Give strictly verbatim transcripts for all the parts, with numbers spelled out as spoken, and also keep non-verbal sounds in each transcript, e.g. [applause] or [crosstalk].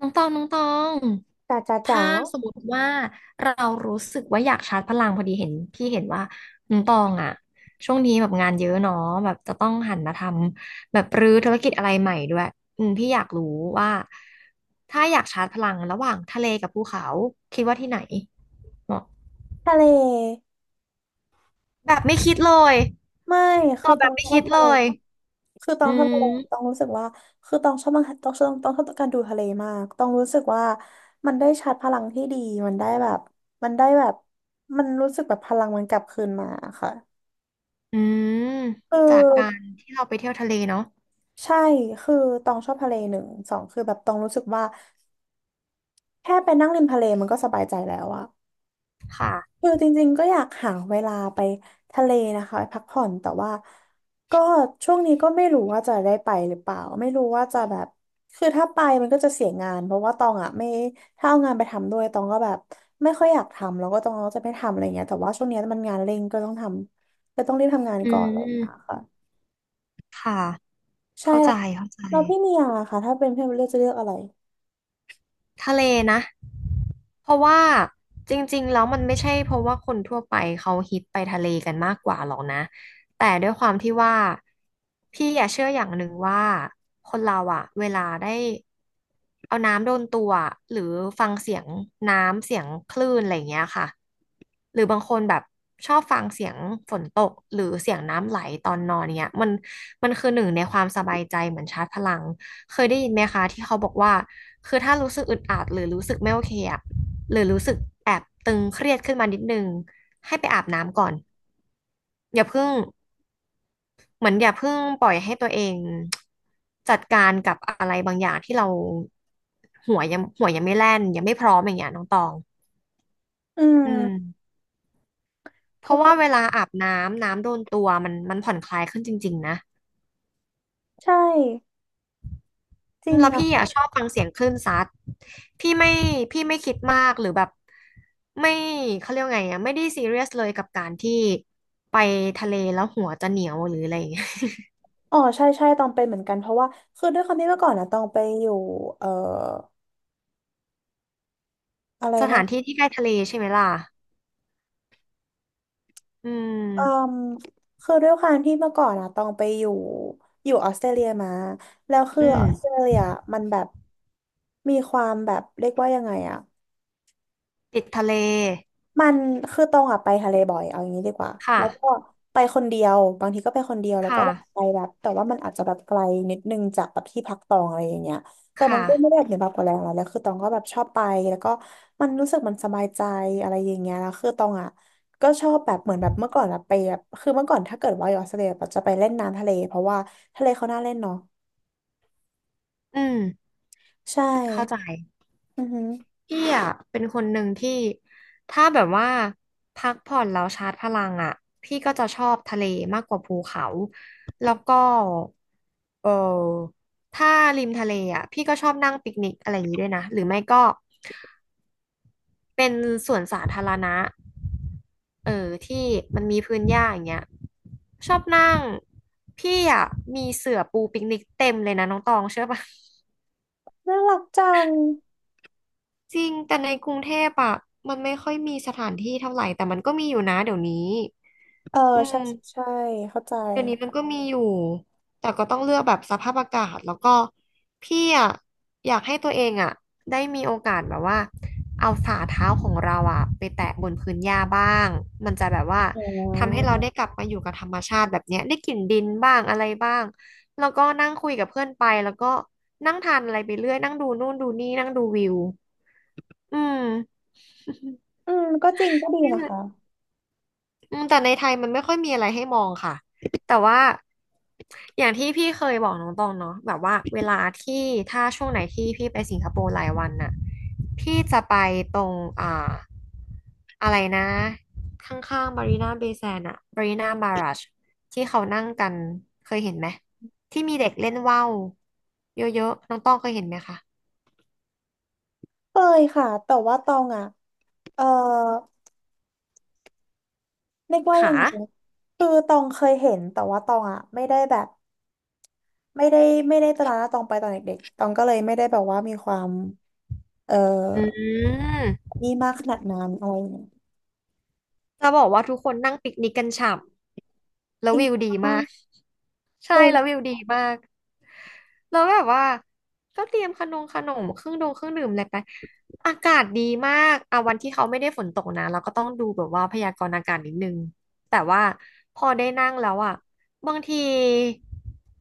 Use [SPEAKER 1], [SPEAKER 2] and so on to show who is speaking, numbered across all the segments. [SPEAKER 1] น้องตองน้องตอง
[SPEAKER 2] จ๋าจ๋าจ๋า
[SPEAKER 1] ถ้าสมมติว่าเรารู้สึกว่าอยากชาร์จพลังพอดีเห็นพี่เห็นว่าน้องตองอะช่วงนี้แบบงานเยอะเนาะแบบจะต้องหันมาทำแบบรื้อธุรกิจอะไรใหม่ด้วยอืมพี่อยากรู้ว่าถ้าอยากชาร์จพลังระหว่างทะเลกับภูเขาคิดว่าที่ไหนเหมาะ
[SPEAKER 2] ทะเล
[SPEAKER 1] แบบไม่คิดเลย
[SPEAKER 2] ไม่
[SPEAKER 1] ต
[SPEAKER 2] คือ
[SPEAKER 1] อบ
[SPEAKER 2] ต
[SPEAKER 1] แบ
[SPEAKER 2] อ
[SPEAKER 1] บ
[SPEAKER 2] ง
[SPEAKER 1] ไม่
[SPEAKER 2] ชอ
[SPEAKER 1] คิ
[SPEAKER 2] บ
[SPEAKER 1] ด
[SPEAKER 2] ทะ
[SPEAKER 1] เล
[SPEAKER 2] เล
[SPEAKER 1] ย
[SPEAKER 2] คือตอ
[SPEAKER 1] อื
[SPEAKER 2] งชอบทะเลตอง
[SPEAKER 1] ม
[SPEAKER 2] รู้สึกว่าคือตองชอบมากตองชอบตองชอบการดูทะเลมากตองรู้สึกว่ามันได้ชาร์จพลังที่ดีมันได้แบบมันได้แบบมันรู้สึกแบบพลังมันกลับคืนมาค่ะ
[SPEAKER 1] อืม
[SPEAKER 2] คือ
[SPEAKER 1] จากการที่เราไปเที่ยวทะเลเนาะ
[SPEAKER 2] ใช่คือตองชอบทะเลหนึ่งสองคือแบบตองรู้สึกว่าแค่ไปนั่งริมทะเลมันก็สบายใจแล้วอะ
[SPEAKER 1] ค่ะ
[SPEAKER 2] คือจริงๆก็อยากหาเวลาไปทะเลนะคะไปพักผ่อนแต่ว่าก็ช่วงนี้ก็ไม่รู้ว่าจะได้ไปหรือเปล่าไม่รู้ว่าจะแบบคือถ้าไปมันก็จะเสียงานเพราะว่าตองอ่ะไม่ถ้าเอางานไปทำด้วยตองก็แบบไม่ค่อยอยากทำแล้วก็ตองก็จะไม่ทำอะไรเงี้ยแต่ว่าช่วงนี้มันงานเร่งก็ต้องทำก็ต้องรีบทำงาน
[SPEAKER 1] อื
[SPEAKER 2] ก่อนอะไรอย่างเงี้ย
[SPEAKER 1] ม
[SPEAKER 2] ค่ะ
[SPEAKER 1] ค่ะ
[SPEAKER 2] ใช่
[SPEAKER 1] เข้าใจ
[SPEAKER 2] แล้ว
[SPEAKER 1] เข้าใจ
[SPEAKER 2] แล้วพี่เมียล่ะค่ะถ้าเป็นพี่เมียเลือกจะเลือกอะไร
[SPEAKER 1] ทะเลนะเพราะว่าจริงๆแล้วมันไม่ใช่เพราะว่าคนทั่วไปเขาฮิตไปทะเลกันมากกว่าหรอกนะแต่ด้วยความที่ว่าพี่อย่าเชื่ออย่างหนึ่งว่าคนเราอะเวลาได้เอาน้ำโดนตัวอะหรือฟังเสียงน้ำเสียงคลื่นอะไรอย่างเงี้ยค่ะหรือบางคนแบบชอบฟังเสียงฝนตกหรือเสียงน้ำไหลตอนนอนเนี้ยมันมันคือหนึ่งในความสบายใจเหมือนชาร์จพลัง เคยได้ยินไหมคะที่เขาบอกว่าคือถ้ารู้สึกอึดอัดหรือรู้สึกไม่โอเคอะหรือรู้สึกแอบตึงเครียดขึ้นมานิดนึงให้ไปอาบน้ำก่อนอย่าเพิ่งเหมือนอย่าเพิ่งปล่อยให้ตัวเองจัดการกับอะไรบางอย่างที่เราหัวยังหัวยังไม่แล่นยังไม่พร้อมอย่างเงี้ยน้องตอง
[SPEAKER 2] อื
[SPEAKER 1] อื
[SPEAKER 2] ม
[SPEAKER 1] มเพ
[SPEAKER 2] ก็
[SPEAKER 1] ราะ
[SPEAKER 2] คือ
[SPEAKER 1] ว่าเวลาอาบน้ำน้ำโดนตัวมันมันผ่อนคลายขึ้นจริงๆนะ
[SPEAKER 2] ใช่จ
[SPEAKER 1] อื
[SPEAKER 2] ริ
[SPEAKER 1] ม
[SPEAKER 2] ง
[SPEAKER 1] แล้ว
[SPEAKER 2] อะ
[SPEAKER 1] พี่อ่ะชอบฟังเสียงคลื่นซัดพี่ไม่พี่ไม่คิดมากหรือแบบไม่เขาเรียกว่าไงอ่ะไม่ได้ซีเรียสเลยกับการที่ไปทะเลแล้วหัวจะเหนียวหรืออะไรอย่างเงี้ย
[SPEAKER 2] อ๋อใช่ใช่ตองเป็นเหมือนกันเพราะว่าคือด้วยความที่เมื่อก่อนนะตองไปอยู่เอ่ออะไร
[SPEAKER 1] [laughs] ส
[SPEAKER 2] นะ
[SPEAKER 1] ถานที่ที่ใกล้ทะเลใช่ไหมล่ะอื
[SPEAKER 2] อื
[SPEAKER 1] ม
[SPEAKER 2] มคือด้วยความที่เมื่อก่อนนะตองไปอยู่อยู่ออสเตรเลียมาแล้วคือ
[SPEAKER 1] อืม
[SPEAKER 2] ออสเตรเลียมันแบบมีความแบบเรียกว่ายังไงอะ
[SPEAKER 1] ติดทะเล
[SPEAKER 2] มันคือตรงอะไปทะเลบ่อยเอาอย่างนี้ดีกว่า
[SPEAKER 1] ค่ะ
[SPEAKER 2] แล้วก็ไปคนเดียวบางทีก็ไปคนเดียวแล้วก็
[SPEAKER 1] ค่ะ
[SPEAKER 2] แบบไปแบบแต่ว่ามันอาจจะแบบไกลนิดนึงจากแบบที่พักตองอะไรอย่างเงี้ยแต่
[SPEAKER 1] ค
[SPEAKER 2] มันก็ไม่
[SPEAKER 1] ่ะ
[SPEAKER 2] ได้เหนือบาปกว่าแรงอะไรแล้วคือตองก็แบบชอบไปแล้วก็มันรู้สึกมันสบายใจอะไรอย่างเงี้ยแล้วคือตองอะก็ชอบแบบเหมือนแบบเมื่อก่อนอะไปแบบคือเมื่อก่อนถ้าเกิดว่าอยู่ออสเตรเลียแบบจะไปเล่นน้ำทะเลเพราะว่าทะเลเขาน่าเล่นเนาะ
[SPEAKER 1] อืม
[SPEAKER 2] ใช่
[SPEAKER 1] เข้าใจ
[SPEAKER 2] อือหือ
[SPEAKER 1] พี่อ่ะเป็นคนหนึ่งที่ถ้าแบบว่าพักผ่อนแล้วชาร์จพลังอ่ะพี่ก็จะชอบทะเลมากกว่าภูเขาแล้วก็เออถ้าริมทะเลอ่ะพี่ก็ชอบนั่งปิกนิกอะไรอย่างนี้ด้วยนะหรือไม่ก็เป็นสวนสาธารณะเออที่มันมีพื้นหญ้าอย่างเงี้ยชอบนั่งพี่อ่ะมีเสื่อปูปิกนิกเต็มเลยนะน้องตองเชื่อปะ
[SPEAKER 2] น่ารักจัง
[SPEAKER 1] จริงแต่ในกรุงเทพอะมันไม่ค่อยมีสถานที่เท่าไหร่แต่มันก็มีอยู่นะเดี๋ยวนี้
[SPEAKER 2] เออ
[SPEAKER 1] อื
[SPEAKER 2] ใช่ใช่
[SPEAKER 1] ม
[SPEAKER 2] ใช่เข้าใจ
[SPEAKER 1] เดี๋ยวนี้มันก็มีอยู่แต่ก็ต้องเลือกแบบสภาพอากาศแล้วก็พี่อะอยากให้ตัวเองอะได้มีโอกาสแบบว่าเอาฝ่าเท้าของเราอะไปแตะบนพื้นหญ้าบ้างมันจะแบบว่า
[SPEAKER 2] อ๋
[SPEAKER 1] ทำให้เรา
[SPEAKER 2] อ
[SPEAKER 1] ได้กลับมาอยู่กับธรรมชาติแบบเนี้ยได้กลิ่นดินบ้างอะไรบ้างแล้วก็นั่งคุยกับเพื่อนไปแล้วก็นั่งทานอะไรไปเรื่อยนั่งดูนู่นดูนี่นั่งดูวิวอืม
[SPEAKER 2] อืมก็จริงก็ดี
[SPEAKER 1] นี่
[SPEAKER 2] นะ
[SPEAKER 1] แหละ
[SPEAKER 2] คะ
[SPEAKER 1] อืมแต่ในไทยมันไม่ค่อยมีอะไรให้มองค่ะแต่ว่าอย่างที่พี่เคยบอกน้องตองเนาะแบบว่าเวลาที่ถ้าช่วงไหนที่พี่ไปสิงคโปร์หลายวันน่ะพี่จะไปตรงอ่าอะไรนะข้างๆบารีนาเบย์แซนด์อะบารีนาบารัชที่เขานั่งกันเคยเห็นไหมที่มีเด็กเล่นว่าวเยอะๆน้องต้องเคยเห็นไหมคะ
[SPEAKER 2] เคยค่ะแต่ว่าตองอ่ะเออเรียกว่ายั
[SPEAKER 1] ค่ะ
[SPEAKER 2] งไงคือตองเคยเห็นแต่ว่าตองอ่ะไม่ได้แบบไม่ได้ไม่ได้ตระหนักตองไปตอนเด็กๆตองก็เลยไม่ได้แบบว่ามีความเออ
[SPEAKER 1] อืม
[SPEAKER 2] นี่มากขนาดนั้นอะไรอย่างเงี้ย
[SPEAKER 1] จะบอกว่าทุกคนนั่งปิกนิกกันฉ่ำแล้
[SPEAKER 2] จ
[SPEAKER 1] ว
[SPEAKER 2] ริง
[SPEAKER 1] วิวดี
[SPEAKER 2] ปะ
[SPEAKER 1] มาก ใช่แล้ววิ
[SPEAKER 2] เออ
[SPEAKER 1] วดีมากแล้วแบบว่าก็เตรียมขนมขนมเครื่องดงเครื่องดื่มอะไรไปอากาศดีมากอ่ะวันที่เขาไม่ได้ฝนตกนะเราก็ต้องดูแบบว่าพยากรณ์อากาศนิดนึงแต่ว่าพอได้นั่งแล้วอ่ะบางที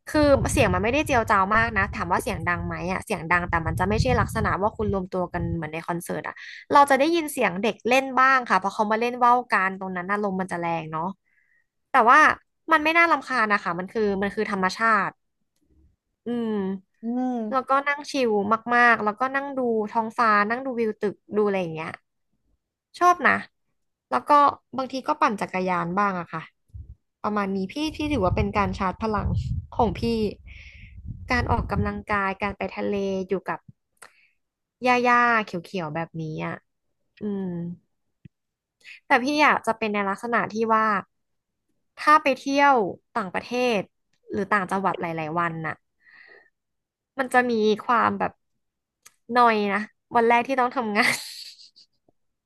[SPEAKER 1] คือเสียงมันไม่ได้เจียวจ้าวมากนะถามว่าเสียงดังไหมอ่ะเสียงดังแต่มันจะไม่ใช่ลักษณะว่าคุณรวมตัวกันเหมือนในคอนเสิร์ตอ่ะ เราจะได้ยินเสียงเด็กเล่นบ้างค่ะเพราะเขามาเล่นว่าวกันตรงนั้นน่ะลมมันจะแรงเนาะแต่ว่ามันไม่น่ารำคาญนะคะมันคือมันคือธรรมชาติอืม
[SPEAKER 2] อื
[SPEAKER 1] แล้ว
[SPEAKER 2] ม
[SPEAKER 1] ก็นั่งชิลมากๆแล้วก็นั่งดูท้องฟ้านั่งดูวิวตึกดูอะไรอย่างเงี้ยชอบนะแล้วก็บางทีก็ปั่นจักรยานบ้างอะค่ะ ประมาณนี้พี่พี่ถือว่าเป็นการชาร์จพลังของพี่การออกกำลังกายการไปทะเลอยู่กับหญ้าๆเขียวๆแบบนี้อ่ะอืมแต่พี่อยากจะเป็นในลักษณะที่ว่าถ้าไปเที่ยวต่างประเทศหรือต่างจังหวัดหลายๆวันน่ะมันจะมีความแบบนอยนะวันแรกที่ต้องทำงาน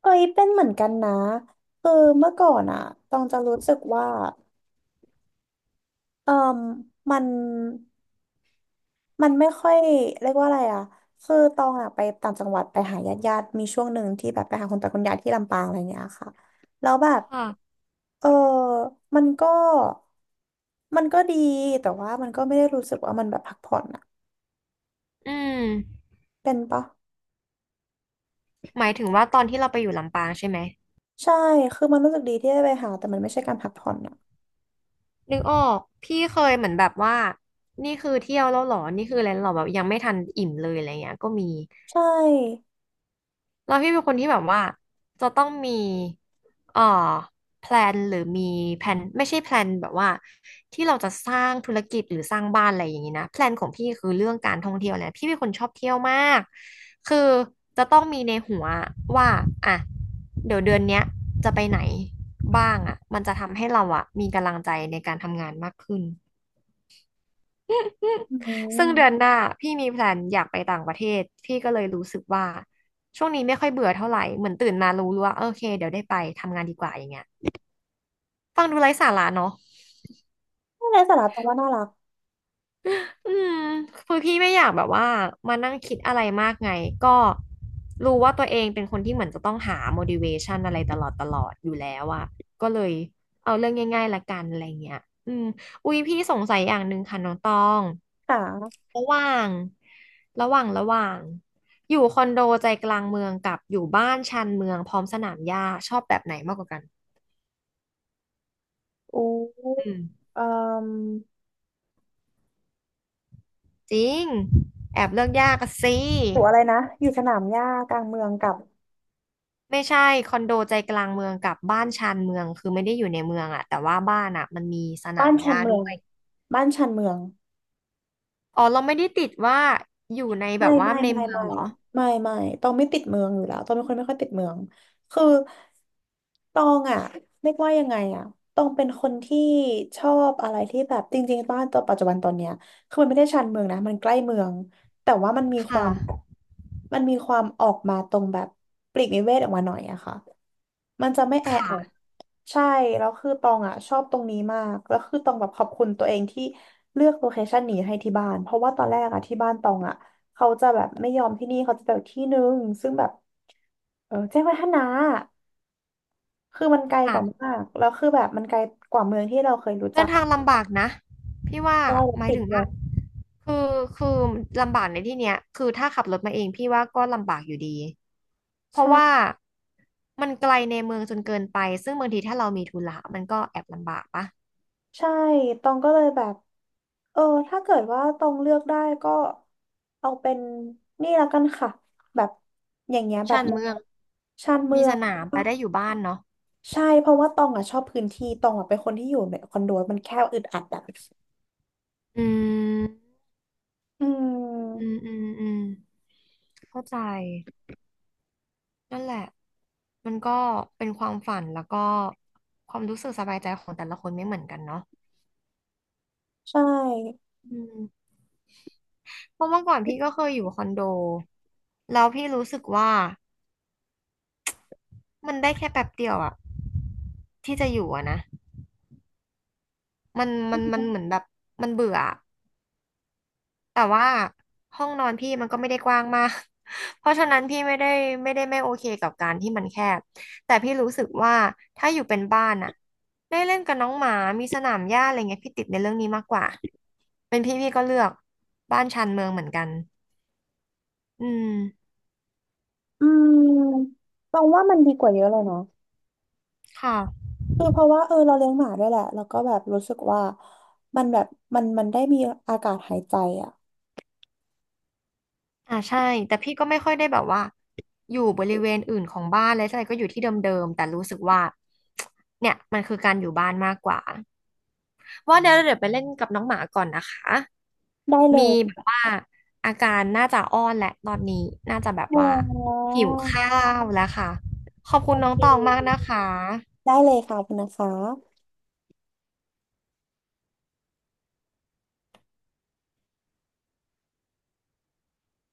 [SPEAKER 2] เคยเป็นเหมือนกันนะคือเมื่อก่อนอ่ะตองจะรู้สึกว่าเออมมัน มันไม่ค่อยเรียกว่าอะไรอ่ะ คือตองอ่ะไปต่างจังหวัดไปหาญาติญาติมีช่วงหนึ่งที่แบบไปหาคุณตาคุณยายที่ลำปางอะไรเงี้ยค่ะแล้วแบ
[SPEAKER 1] [laughs]
[SPEAKER 2] บ
[SPEAKER 1] ค่ะ
[SPEAKER 2] เออ มันก็มันก็ดีแต่ว่ามันก็ไม่ได้รู้สึกว่ามันแบบพักผ่อนอ่ะ
[SPEAKER 1] อืม
[SPEAKER 2] เป็นปะ
[SPEAKER 1] หมายถึงว่าตอนที่เราไปอยู่ลำปางใช่ไหม
[SPEAKER 2] ใช่คือมันรู้สึกดีที่ได้ไปหาแต่มันไม่ใช่การพักผ่อนอ่ะ
[SPEAKER 1] นึกออกพี่เคยเหมือนแบบว่านี่คือเที่ยวแล้วเหรอนี่คืออะไรแล้วเหรอแบบยังไม่ทันอิ่มเลยอะไรเงี้ยก็มี
[SPEAKER 2] ใช่
[SPEAKER 1] แล้วพี่เป็นคนที่แบบว่าจะต้องมีเอ่อแพลนหรือมีแผนไม่ใช่แพลนแบบว่าที่เราจะสร้างธุรกิจหรือสร้างบ้านอะไรอย่างนี้นะแพลนของพี่คือเรื่องการท่องเที่ยวแหละพี่เป็นคนชอบเที่ยวมากคือจะต้องมีในหัวว่าอ่ะเดี๋ยวเดือนเนี้ยจะไปไหนบ้างอ่ะมันจะทำให้เราอ่ะมีกำลังใจในการทำงานมากขึ้น
[SPEAKER 2] อื
[SPEAKER 1] [laughs] ซึ่ง
[SPEAKER 2] ม
[SPEAKER 1] เดือนหน้าพี่มีแพลนอยากไปต่างประเทศพี่ก็เลยรู้สึกว่าช่วงนี้ไม่ค่อยเบื่อเท่าไหร่เหมือนตื่นมารู้ว่าโอเคเดี๋ยวได้ไปทำงานดีกว่าอย่างเงี้ยฟังดูไร้สาระเนาะ
[SPEAKER 2] ไม่ไรสาระตรงว่าน่ารัก
[SPEAKER 1] อืมคือพี่ไม่อยากแบบว่ามานั่งคิดอะไรมากไงก็รู้ว่าตัวเองเป็นคนที่เหมือนจะต้องหา โมทิเวชัน อะไรตลอดตลอดอยู่แล้วอะก็เลยเอาเรื่องง่ายๆละกันอะไรเงี้ยอืมอุ๊ยพี่สงสัยอย่างหนึ่งค่ะน้องตอง
[SPEAKER 2] ค่ะ
[SPEAKER 1] ระหว่างระหว่างระหว่างอยู่คอนโดใจกลางเมืองกับอยู่บ้านชานเมืองพร้อมสนามหญ้าชอบแบบไหนมากกว่ากัน
[SPEAKER 2] อู้
[SPEAKER 1] อืม
[SPEAKER 2] เอ่อ
[SPEAKER 1] จริงแอบเลือกยากอะสิ
[SPEAKER 2] อยู่อะไรนะอยู่สนามหญ้ากลางเมืองกับ
[SPEAKER 1] ไม่ใช่คอนโดใจกลางเมืองกับบ้านชานเมืองคือไม่ได้อยู่ในเมืองอะแต่ว่าบ้านอะมันมีสนา
[SPEAKER 2] บ้า
[SPEAKER 1] ม
[SPEAKER 2] น
[SPEAKER 1] ห
[SPEAKER 2] ชัน
[SPEAKER 1] ญ้า
[SPEAKER 2] เมื
[SPEAKER 1] ด้
[SPEAKER 2] อง
[SPEAKER 1] วย
[SPEAKER 2] บ้านชันเมือง
[SPEAKER 1] อ๋อเราไม่ได้ติดว่าอยู่ในแบ
[SPEAKER 2] ไม่
[SPEAKER 1] บว่า
[SPEAKER 2] ไม่
[SPEAKER 1] ใน
[SPEAKER 2] ไม่
[SPEAKER 1] เมือง
[SPEAKER 2] ไม่
[SPEAKER 1] เหรอ
[SPEAKER 2] ไม่ไม่ต้องไม่ติดเมืองอยู่แล้วต้องเป็นคนไม่ค่อยติดเมือง คือตองอ่ะเรียกว่ายังไงอ่ะตองเป็นคนที่ชอบอะไรที่แบบจริงๆบ้านตัวปัจจุบันตอนเนี้ยคือมันไม่ได้ชานเมืองนะ มันใกล้เมือง แต่ว่ามันมีควา
[SPEAKER 1] ค่ะ
[SPEAKER 2] มแบบมันมีความออกมาตรงแบบปลีกวิเวกออกมาหน่อยอะค่ะมันจะไม่แอ
[SPEAKER 1] ค
[SPEAKER 2] อัด
[SPEAKER 1] ่ะ
[SPEAKER 2] ใช่แล้วคือตองอ่ะชอบตรงนี้มากแล้วคือตองแบบขอบคุณตัวเองที่เลือกโลเคชันนี้ให้ที่บ้านเพราะว่าตอนแรกอ่ะที่บ้านตองอ่ะ เขาจะแบบไม่ยอมที่นี่เขาจะไปอีกที่นึงซึ่งแบบเออแจ้งวัฒนะคือมันไกลก
[SPEAKER 1] ค่ะ
[SPEAKER 2] ว่ามากแล้วคือแบบมันไกลกว่าเมืองที่เราเคยรู้จั
[SPEAKER 1] เดิ
[SPEAKER 2] ก
[SPEAKER 1] นทา
[SPEAKER 2] อะ
[SPEAKER 1] งลำบากนะพี่ว่า
[SPEAKER 2] ใช่รถ
[SPEAKER 1] หมาย
[SPEAKER 2] ติด
[SPEAKER 1] ถึง
[SPEAKER 2] เล
[SPEAKER 1] ว่า
[SPEAKER 2] ย
[SPEAKER 1] คือคือลำบากในที่เนี้ยคือถ้าขับรถมาเองพี่ว่าก็ลำบากอยู่ดีเพราะว่า
[SPEAKER 2] ใช่
[SPEAKER 1] มันไกลในเมืองจนเกินไปซึ่งบางทีถ้าเรามีธุระมันก็แอบลำบากปะ
[SPEAKER 2] ใช่ตองก็เลยแบบเออถ้าเกิดว่าตองเลือกได้ก็เอาเป็นนี่แล้วกันค่ะแบบอย่างเงี้ยแบบ
[SPEAKER 1] ชานเมือง
[SPEAKER 2] ชานเมื
[SPEAKER 1] มี
[SPEAKER 2] อ
[SPEAKER 1] ส
[SPEAKER 2] ง
[SPEAKER 1] นามไปได้อยู่บ้านเนาะ
[SPEAKER 2] ใช่เพราะว่าตองอ่ะชอบพื้นที่ตองอ่ะเป็นคนที่อยู่ในคอนโดมันแคบอึดอัดอ่ะ
[SPEAKER 1] อืม
[SPEAKER 2] อื
[SPEAKER 1] อื
[SPEAKER 2] ม
[SPEAKER 1] มอืมอืมเข้าใจนั่นแหละมันก็เป็นความฝันแล้วก็ความรู้สึกสบายใจของแต่ละคนไม่เหมือนกันเนาะ
[SPEAKER 2] ใช่
[SPEAKER 1] อืมเพราะเมื่อก่อนพี่ก็เคยอยู่คอนโดแล้วพี่รู้สึกว่ามันได้แค่แป๊บเดียวอะที่จะอยู่อะนะมันมันมันเหมือนแบบมันเบื่อ แต่ว่าห้องนอนพี่มันก็ไม่ได้กว้างมาก [laughs] เพราะฉะนั้นพี่ไม่ได้ไม่ได้ไม่โอเคกับการที่มันแคบแต่พี่รู้สึกว่าถ้าอยู่เป็นบ้านอะได้เล่นกับน้องหมามีสนามหญ้าอะไรเงี้ยพี่ติดในเรื่องนี้มากกว่าเป็นพี่พี่ก็เลือกบ้านชานเมืองเหมือนกันอืม
[SPEAKER 2] อืมมองว่ามันดีกว่าเยอะเลยเนาะ
[SPEAKER 1] ค่ะ
[SPEAKER 2] คือเพราะว่าเออเราเลี้ยงหมาด้วยแหละแล้วก็แบบรู้สึกว่ามันแบบมันมันได้มีอากาศหายใจอ่ะ
[SPEAKER 1] อ่าใช่แต่พี่ก็ไม่ค่อยได้แบบว่าอยู่บริเวณอื่นของบ้านเลยให่ก็อยู่ที่เดิมๆแต่รู้สึกว่าเนี่ยมันคือการอยู่บ้านมากกว่าว่าเดี๋ยวเดี๋ยวไปเล่นกับน้องหมาก่อนนะคะ
[SPEAKER 2] ได้เล
[SPEAKER 1] มี
[SPEAKER 2] ย
[SPEAKER 1] แบบว่าอาการน่าจะอ้อนแหละตอนนี้น่าจะแบบ
[SPEAKER 2] อ๋อ
[SPEAKER 1] ว่าหิวข้าวแล้วค่ะขอบคุ
[SPEAKER 2] โอ
[SPEAKER 1] ณน้อง
[SPEAKER 2] เค
[SPEAKER 1] ตองมากนะคะ
[SPEAKER 2] ได้เลยค่ะคุณนะคะ